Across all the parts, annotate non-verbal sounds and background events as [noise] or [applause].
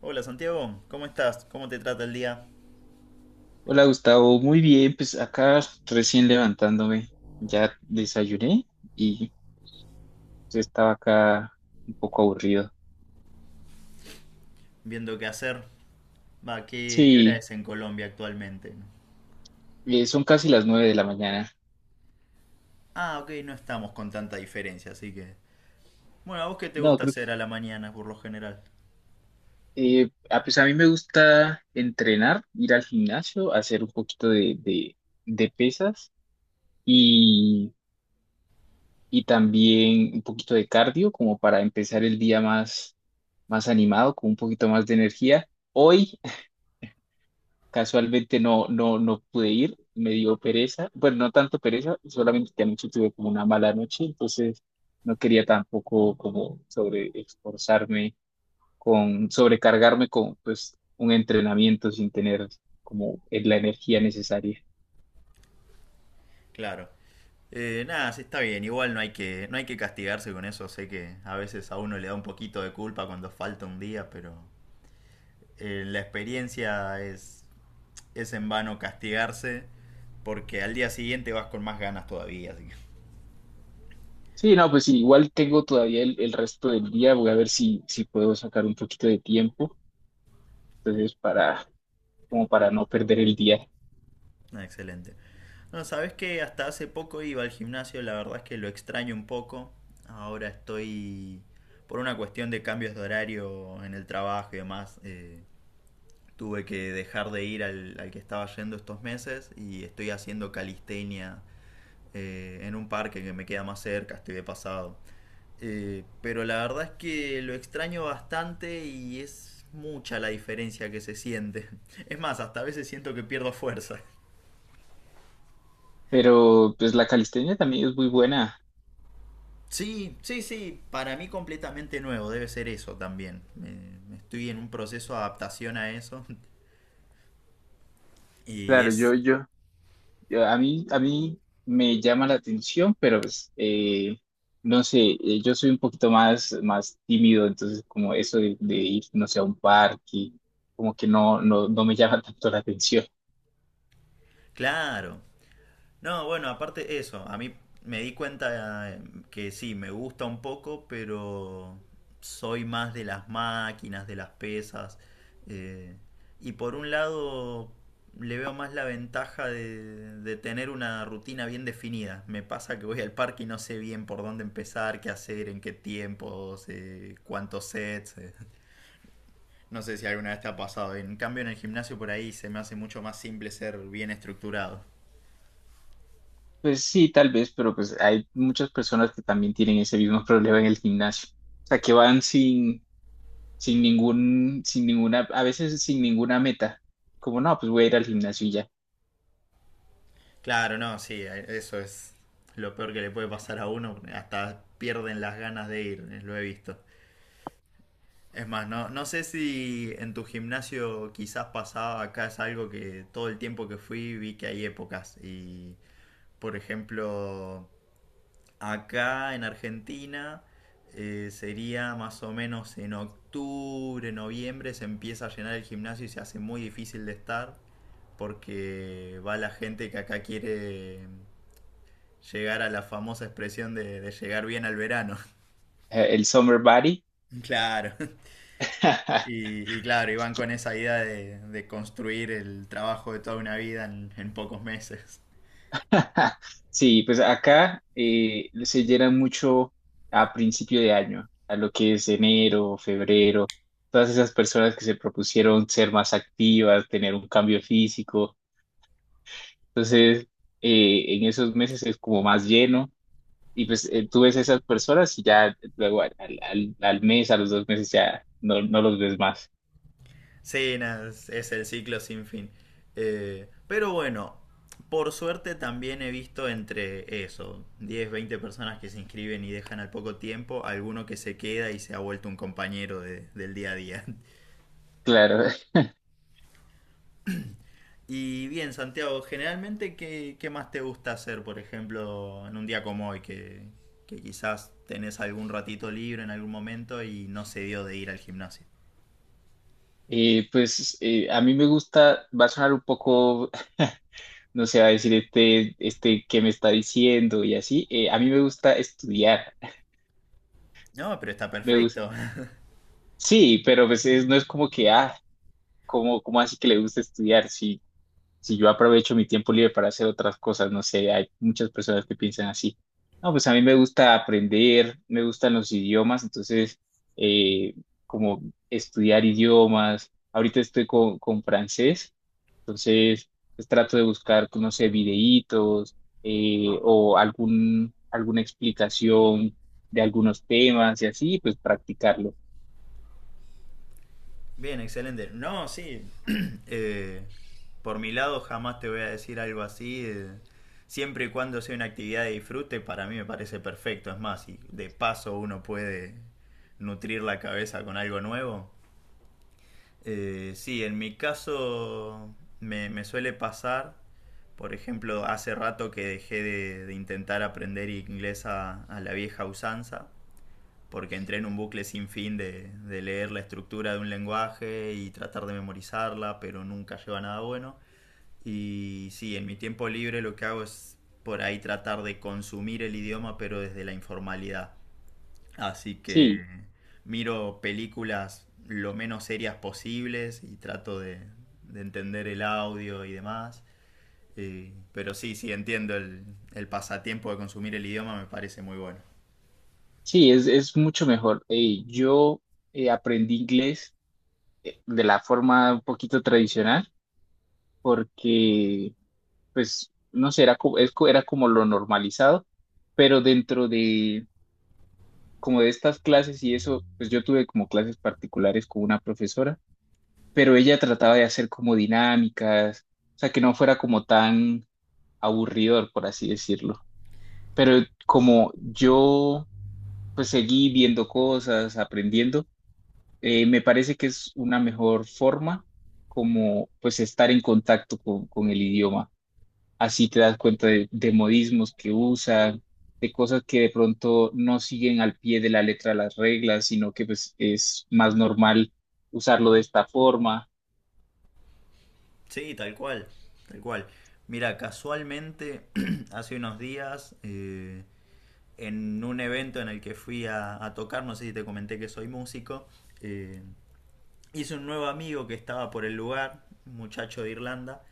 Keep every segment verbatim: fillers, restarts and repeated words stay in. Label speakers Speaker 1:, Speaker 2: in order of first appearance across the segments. Speaker 1: Hola Santiago, ¿cómo estás? ¿Cómo te trata el día?
Speaker 2: Hola Gustavo, muy bien, pues acá recién levantándome, ya desayuné y pues, estaba acá un poco aburrido.
Speaker 1: Viendo qué hacer. Va, ¿qué, qué hora
Speaker 2: Sí,
Speaker 1: es en Colombia actualmente?
Speaker 2: eh, son casi las nueve de la mañana.
Speaker 1: Ah, ok, no estamos con tanta diferencia, así que... Bueno, ¿a vos qué te
Speaker 2: No,
Speaker 1: gusta
Speaker 2: creo
Speaker 1: hacer a la mañana por lo general?
Speaker 2: que eh, ah, pues a mí me gusta entrenar, ir al gimnasio, hacer un poquito de, de, de pesas y, y también un poquito de cardio como para empezar el día más, más animado, con un poquito más de energía. Hoy Casualmente no, no, no pude ir, me dio pereza, bueno, no tanto pereza, solamente que anoche tuve como una mala noche, entonces no quería tampoco como sobre esforzarme con, sobrecargarme con pues un entrenamiento sin tener como en la energía necesaria.
Speaker 1: Claro. Eh, nada, sí, está bien, igual no hay que, no hay que castigarse con eso, sé que a veces a uno le da un poquito de culpa cuando falta un día, pero eh, la experiencia es, es en vano castigarse porque al día siguiente vas con más ganas todavía, así que...
Speaker 2: Sí, no, pues sí, igual tengo todavía el, el resto del día, voy a ver si, si puedo sacar un poquito de tiempo, entonces para, como para no perder el día.
Speaker 1: Ah, excelente. No, sabes que hasta hace poco iba al gimnasio, la verdad es que lo extraño un poco. Ahora estoy por una cuestión de cambios de horario en el trabajo y demás. Eh, tuve que dejar de ir al, al que estaba yendo estos meses y estoy haciendo calistenia eh, en un parque que me queda más cerca, estoy de pasado. Eh, pero la verdad es que lo extraño bastante y es mucha la diferencia que se siente. [laughs] Es más, hasta a veces siento que pierdo fuerza.
Speaker 2: Pero pues la calistenia también es muy buena.
Speaker 1: Sí, sí, sí, para mí completamente nuevo, debe ser eso también. Eh, estoy en un proceso de adaptación a eso [laughs] y
Speaker 2: Claro,
Speaker 1: es
Speaker 2: yo, yo, Yo- A mí, a mí me llama la atención, pero pues, eh, no sé, eh, yo soy un poquito más, más tímido, entonces como eso de, de ir, no sé, a un parque, como que no, no, no me llama [laughs] tanto la atención.
Speaker 1: claro. No, bueno, aparte eso, a mí me di cuenta eh, que sí, me gusta un poco, pero soy más de las máquinas, de las pesas. eh, y por un lado le veo más la ventaja de, de tener una rutina bien definida. Me pasa que voy al parque y no sé bien por dónde empezar, qué hacer, en qué tiempos, eh, cuántos sets. eh. No sé si alguna vez te ha pasado. En cambio en el gimnasio por ahí se me hace mucho más simple ser bien estructurado.
Speaker 2: Pues sí, tal vez, pero pues hay muchas personas que también tienen ese mismo problema en el gimnasio. O sea, que van sin, sin ningún, sin ninguna, a veces sin ninguna meta. Como no, pues voy a ir al gimnasio y ya.
Speaker 1: Claro, no, sí, eh, eso es lo peor que le puede pasar a uno. Hasta pierden las ganas de ir, eh, lo he visto. Es más, no, no sé si en tu gimnasio quizás pasaba, acá es algo que todo el tiempo que fui vi que hay épocas. Y, por ejemplo, acá en Argentina eh, sería más o menos en octubre, noviembre, se empieza a llenar el gimnasio y se hace muy difícil de estar porque va la gente que acá quiere llegar a la famosa expresión de, de llegar bien al verano. [laughs]
Speaker 2: Eh, el summer body.
Speaker 1: Claro.
Speaker 2: [laughs]
Speaker 1: Y, y claro, iban con esa idea de, de construir el trabajo de toda una vida en, en pocos meses.
Speaker 2: [laughs] Sí, pues acá eh, se llena mucho a principio de año, a lo que es enero, febrero, todas esas personas que se propusieron ser más activas, tener un cambio físico. Entonces, eh, en esos meses es como más lleno y pues eh, tú ves a esas personas y ya luego al, al- al- al mes, a los dos meses ya no, no los ves más.
Speaker 1: Sí, nada, es, es el ciclo sin fin. Eh, pero bueno, por suerte también he visto entre eso, diez, veinte personas que se inscriben y dejan al poco tiempo, alguno que se queda y se ha vuelto un compañero de- del día a día.
Speaker 2: Claro, [laughs]
Speaker 1: Y bien, Santiago, generalmente, ¿qué, qué más te gusta hacer, por ejemplo, en un día como hoy, que, que quizás tenés algún ratito libre en algún momento y no se dio de ir al gimnasio?
Speaker 2: Eh, pues eh, a mí me gusta, va a sonar un poco, no se va a decir este, ¿este, que me está diciendo? Y así, eh, a mí me gusta estudiar,
Speaker 1: No, pero está
Speaker 2: [laughs] me gusta,
Speaker 1: perfecto. [laughs]
Speaker 2: sí, pero pues es- no es como que, ah, ¿cómo, cómo así que le gusta estudiar? Si, si yo aprovecho mi tiempo libre para hacer otras cosas, no sé, hay muchas personas que piensan así. No, pues a mí me gusta aprender, me gustan los idiomas, entonces, eh, como estudiar idiomas, ahorita estoy con, con francés. Entonces, pues, trato de buscar, pues, no sé, videitos eh, o algún, alguna explicación de algunos temas y así, pues practicarlo.
Speaker 1: Bien, excelente. No, sí. [clears throat] Eh, por mi lado, jamás te voy a decir algo así. Eh, siempre y cuando sea una actividad de disfrute, para mí me parece perfecto. Es más, si de paso uno puede nutrir la cabeza con algo nuevo. Eh, sí, en mi caso me, me suele pasar, por ejemplo, hace rato que dejé de, de intentar aprender inglés a, a la vieja usanza, porque entré en un bucle sin fin de, de leer la estructura de un lenguaje y tratar de memorizarla, pero nunca lleva a nada bueno. Y sí, en mi tiempo libre lo que hago es por ahí tratar de consumir el idioma, pero desde la informalidad. Así que
Speaker 2: Sí,
Speaker 1: miro películas lo menos serias posibles y trato de, de entender el audio y demás. Eh, pero sí, sí, entiendo el, el pasatiempo de consumir el idioma, me parece muy bueno.
Speaker 2: sí, es, es mucho mejor. Eh, yo eh, aprendí inglés eh, de la forma un poquito tradicional porque, pues, no sé, era, co- es co- era como lo normalizado, pero dentro de, como de estas clases y eso, pues yo tuve como clases particulares con una profesora, pero ella trataba de hacer como dinámicas, o sea, que no fuera como tan aburridor, por así decirlo. Pero como yo pues seguí viendo cosas, aprendiendo, eh, me parece que es una mejor forma como pues estar en contacto con, con el idioma. Así te das cuenta de, de modismos que usan, de cosas que de pronto no siguen al pie de la letra las reglas, sino que pues es más normal usarlo de esta forma.
Speaker 1: Sí, tal cual, tal cual. Mira, casualmente, [clears throat] hace unos días, eh, en un evento en el que fui a, a tocar, no sé si te comenté que soy músico. eh, Hice un nuevo amigo que estaba por el lugar, un muchacho de Irlanda,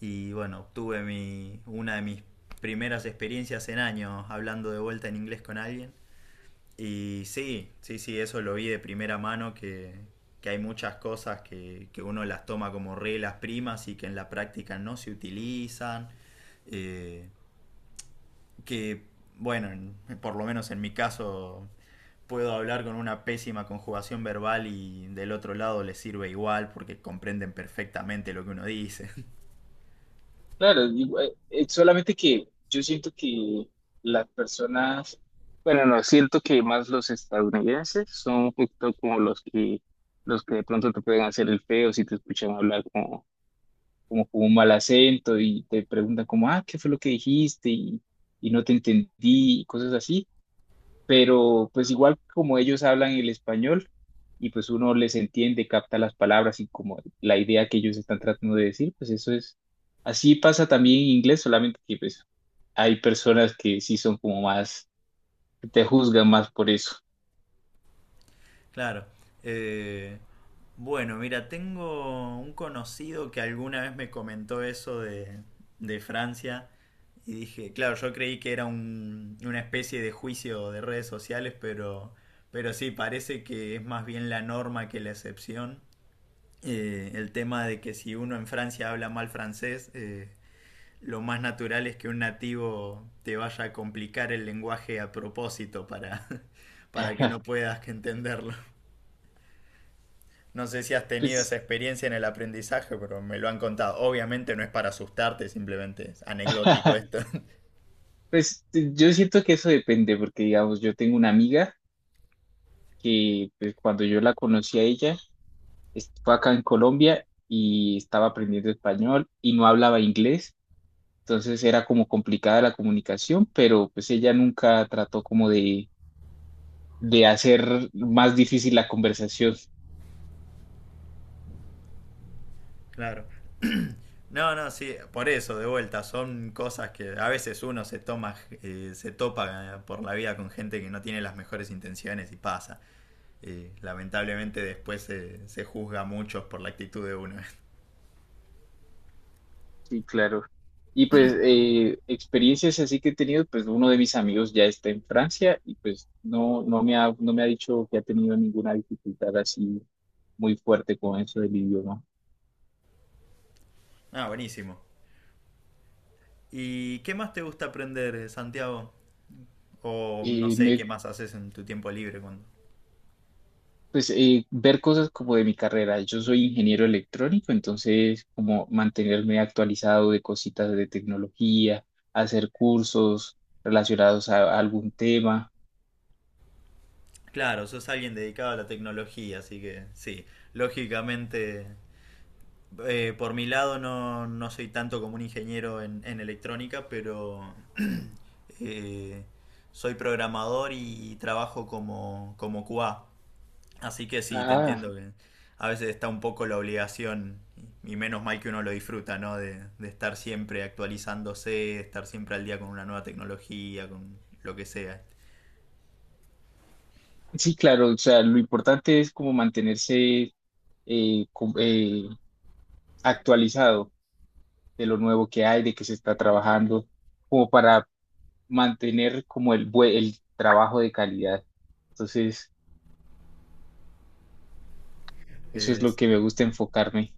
Speaker 1: y bueno, obtuve mi, una de mis primeras experiencias en años hablando de vuelta en inglés con alguien. Y sí, sí, sí, eso lo vi de primera mano, que, que hay muchas cosas que, que uno las toma como reglas primas y que en la práctica no se utilizan, eh, que bueno, por lo menos en mi caso puedo hablar con una pésima conjugación verbal y del otro lado les sirve igual porque comprenden perfectamente lo que uno dice. [laughs]
Speaker 2: Claro, igual- eh, eh, solamente que yo siento que las personas, bueno, no, siento que más los estadounidenses son un poquito como los que, los que de pronto te pueden hacer el feo si te escuchan hablar como, como con un mal acento y te preguntan como, ah, ¿qué fue lo que dijiste? Y, y no te entendí y cosas así, pero pues igual como ellos hablan el español y pues uno les entiende, capta las palabras y como la idea que ellos están tratando de decir, pues eso es, así pasa también en inglés, solamente que pues hay personas que sí son como más, que te juzgan más por eso.
Speaker 1: Claro. Eh, bueno, mira, tengo un conocido que alguna vez me comentó eso de, de Francia y dije, claro, yo creí que era un- una especie de juicio de redes sociales, pero, pero sí, parece que es más bien la norma que la excepción. Eh, el tema de que si uno en Francia habla mal francés, eh, lo más natural es que un nativo te vaya a complicar el lenguaje a propósito para, [laughs] para que no
Speaker 2: [laughs]
Speaker 1: puedas entenderlo. No sé si has tenido esa
Speaker 2: Pues,
Speaker 1: experiencia en el aprendizaje, pero me lo han contado. Obviamente no es para asustarte, simplemente es anecdótico
Speaker 2: [laughs]
Speaker 1: esto. [laughs]
Speaker 2: pues yo siento que eso depende, porque digamos, yo tengo una amiga que pues, cuando yo la conocí a ella, est- fue acá en Colombia y estaba aprendiendo español y no hablaba inglés. Entonces era como complicada la comunicación, pero pues ella nunca trató como de, de hacer más difícil la conversación.
Speaker 1: Claro. No, no, sí, por eso, de vuelta, son cosas que a veces uno se toma, eh, se topa eh, por la vida con gente que no tiene las mejores intenciones y pasa. Eh, lamentablemente después se, se juzga a muchos por la actitud de uno. [laughs]
Speaker 2: Sí, claro. Y pues eh, experiencias así que he tenido, pues uno de mis amigos ya está en Francia y pues no, no me ha, no me ha dicho que ha tenido ninguna dificultad así muy fuerte con eso del idioma.
Speaker 1: Ah, buenísimo. ¿Y qué más te gusta aprender, eh, Santiago? O no
Speaker 2: Eh,
Speaker 1: sé,
Speaker 2: me,
Speaker 1: ¿qué más haces en tu tiempo libre cuando...
Speaker 2: Pues eh, ver cosas como de mi carrera. Yo soy ingeniero electrónico, entonces como mantenerme actualizado de cositas de tecnología, hacer cursos relacionados a, a algún tema.
Speaker 1: Claro, sos alguien dedicado a la tecnología, así que sí, lógicamente, eh, por mi lado no, no soy tanto como un ingeniero en, en electrónica, pero [clears throat] eh, soy programador y trabajo como, como Q A. Así que sí, te
Speaker 2: Ah,
Speaker 1: entiendo que a veces está un poco la obligación, y menos mal que uno lo disfruta, ¿no? De, de estar siempre actualizándose, de estar siempre al día con una nueva tecnología, con lo que sea.
Speaker 2: sí, claro, o sea, lo importante es como mantenerse eh, com- eh, actualizado de lo nuevo que hay, de qué se está trabajando, como para mantener como el, bue- el trabajo de calidad. Entonces, eso es lo
Speaker 1: Es-
Speaker 2: que me gusta enfocarme.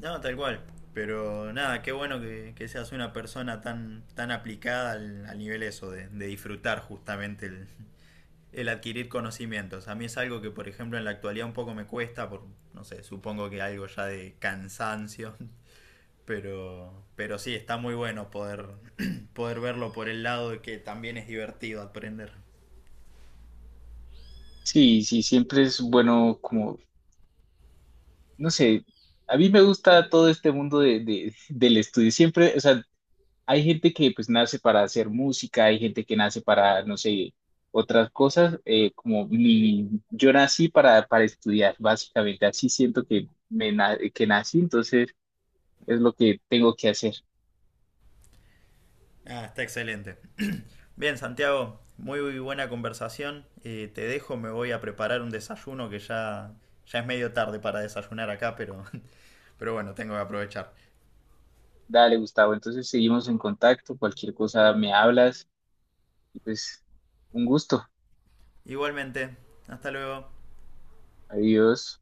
Speaker 1: no, tal cual. Pero nada, qué bueno que, que seas una persona tan, tan aplicada al, al nivel eso, de, de disfrutar justamente el, el adquirir conocimientos. A mí es algo que, por ejemplo, en la actualidad un poco me cuesta, por, no sé, supongo que algo ya de cansancio. [laughs] Pero, pero sí, está muy bueno poder, [clears throat] poder verlo por el lado de que también es divertido aprender.
Speaker 2: Sí, sí, siempre es bueno como, no sé, a mí me gusta todo este mundo de, de- del estudio, siempre, o sea, hay gente que pues nace para hacer música, hay gente que nace para, no sé, otras cosas, eh, como mi, yo nací para, para estudiar, básicamente, así siento que, me, na- que nací, entonces es lo que tengo que hacer.
Speaker 1: Ah, está excelente. [clears throat] Bien, Santiago, muy, buena conversación. Eh, te dejo, me voy a preparar un desayuno que ya, ya es medio tarde para desayunar acá, pero, [laughs] pero bueno, tengo que aprovechar.
Speaker 2: Dale, Gustavo, entonces seguimos en contacto, cualquier cosa me hablas, y pues un gusto,
Speaker 1: Igualmente, hasta luego.
Speaker 2: adiós.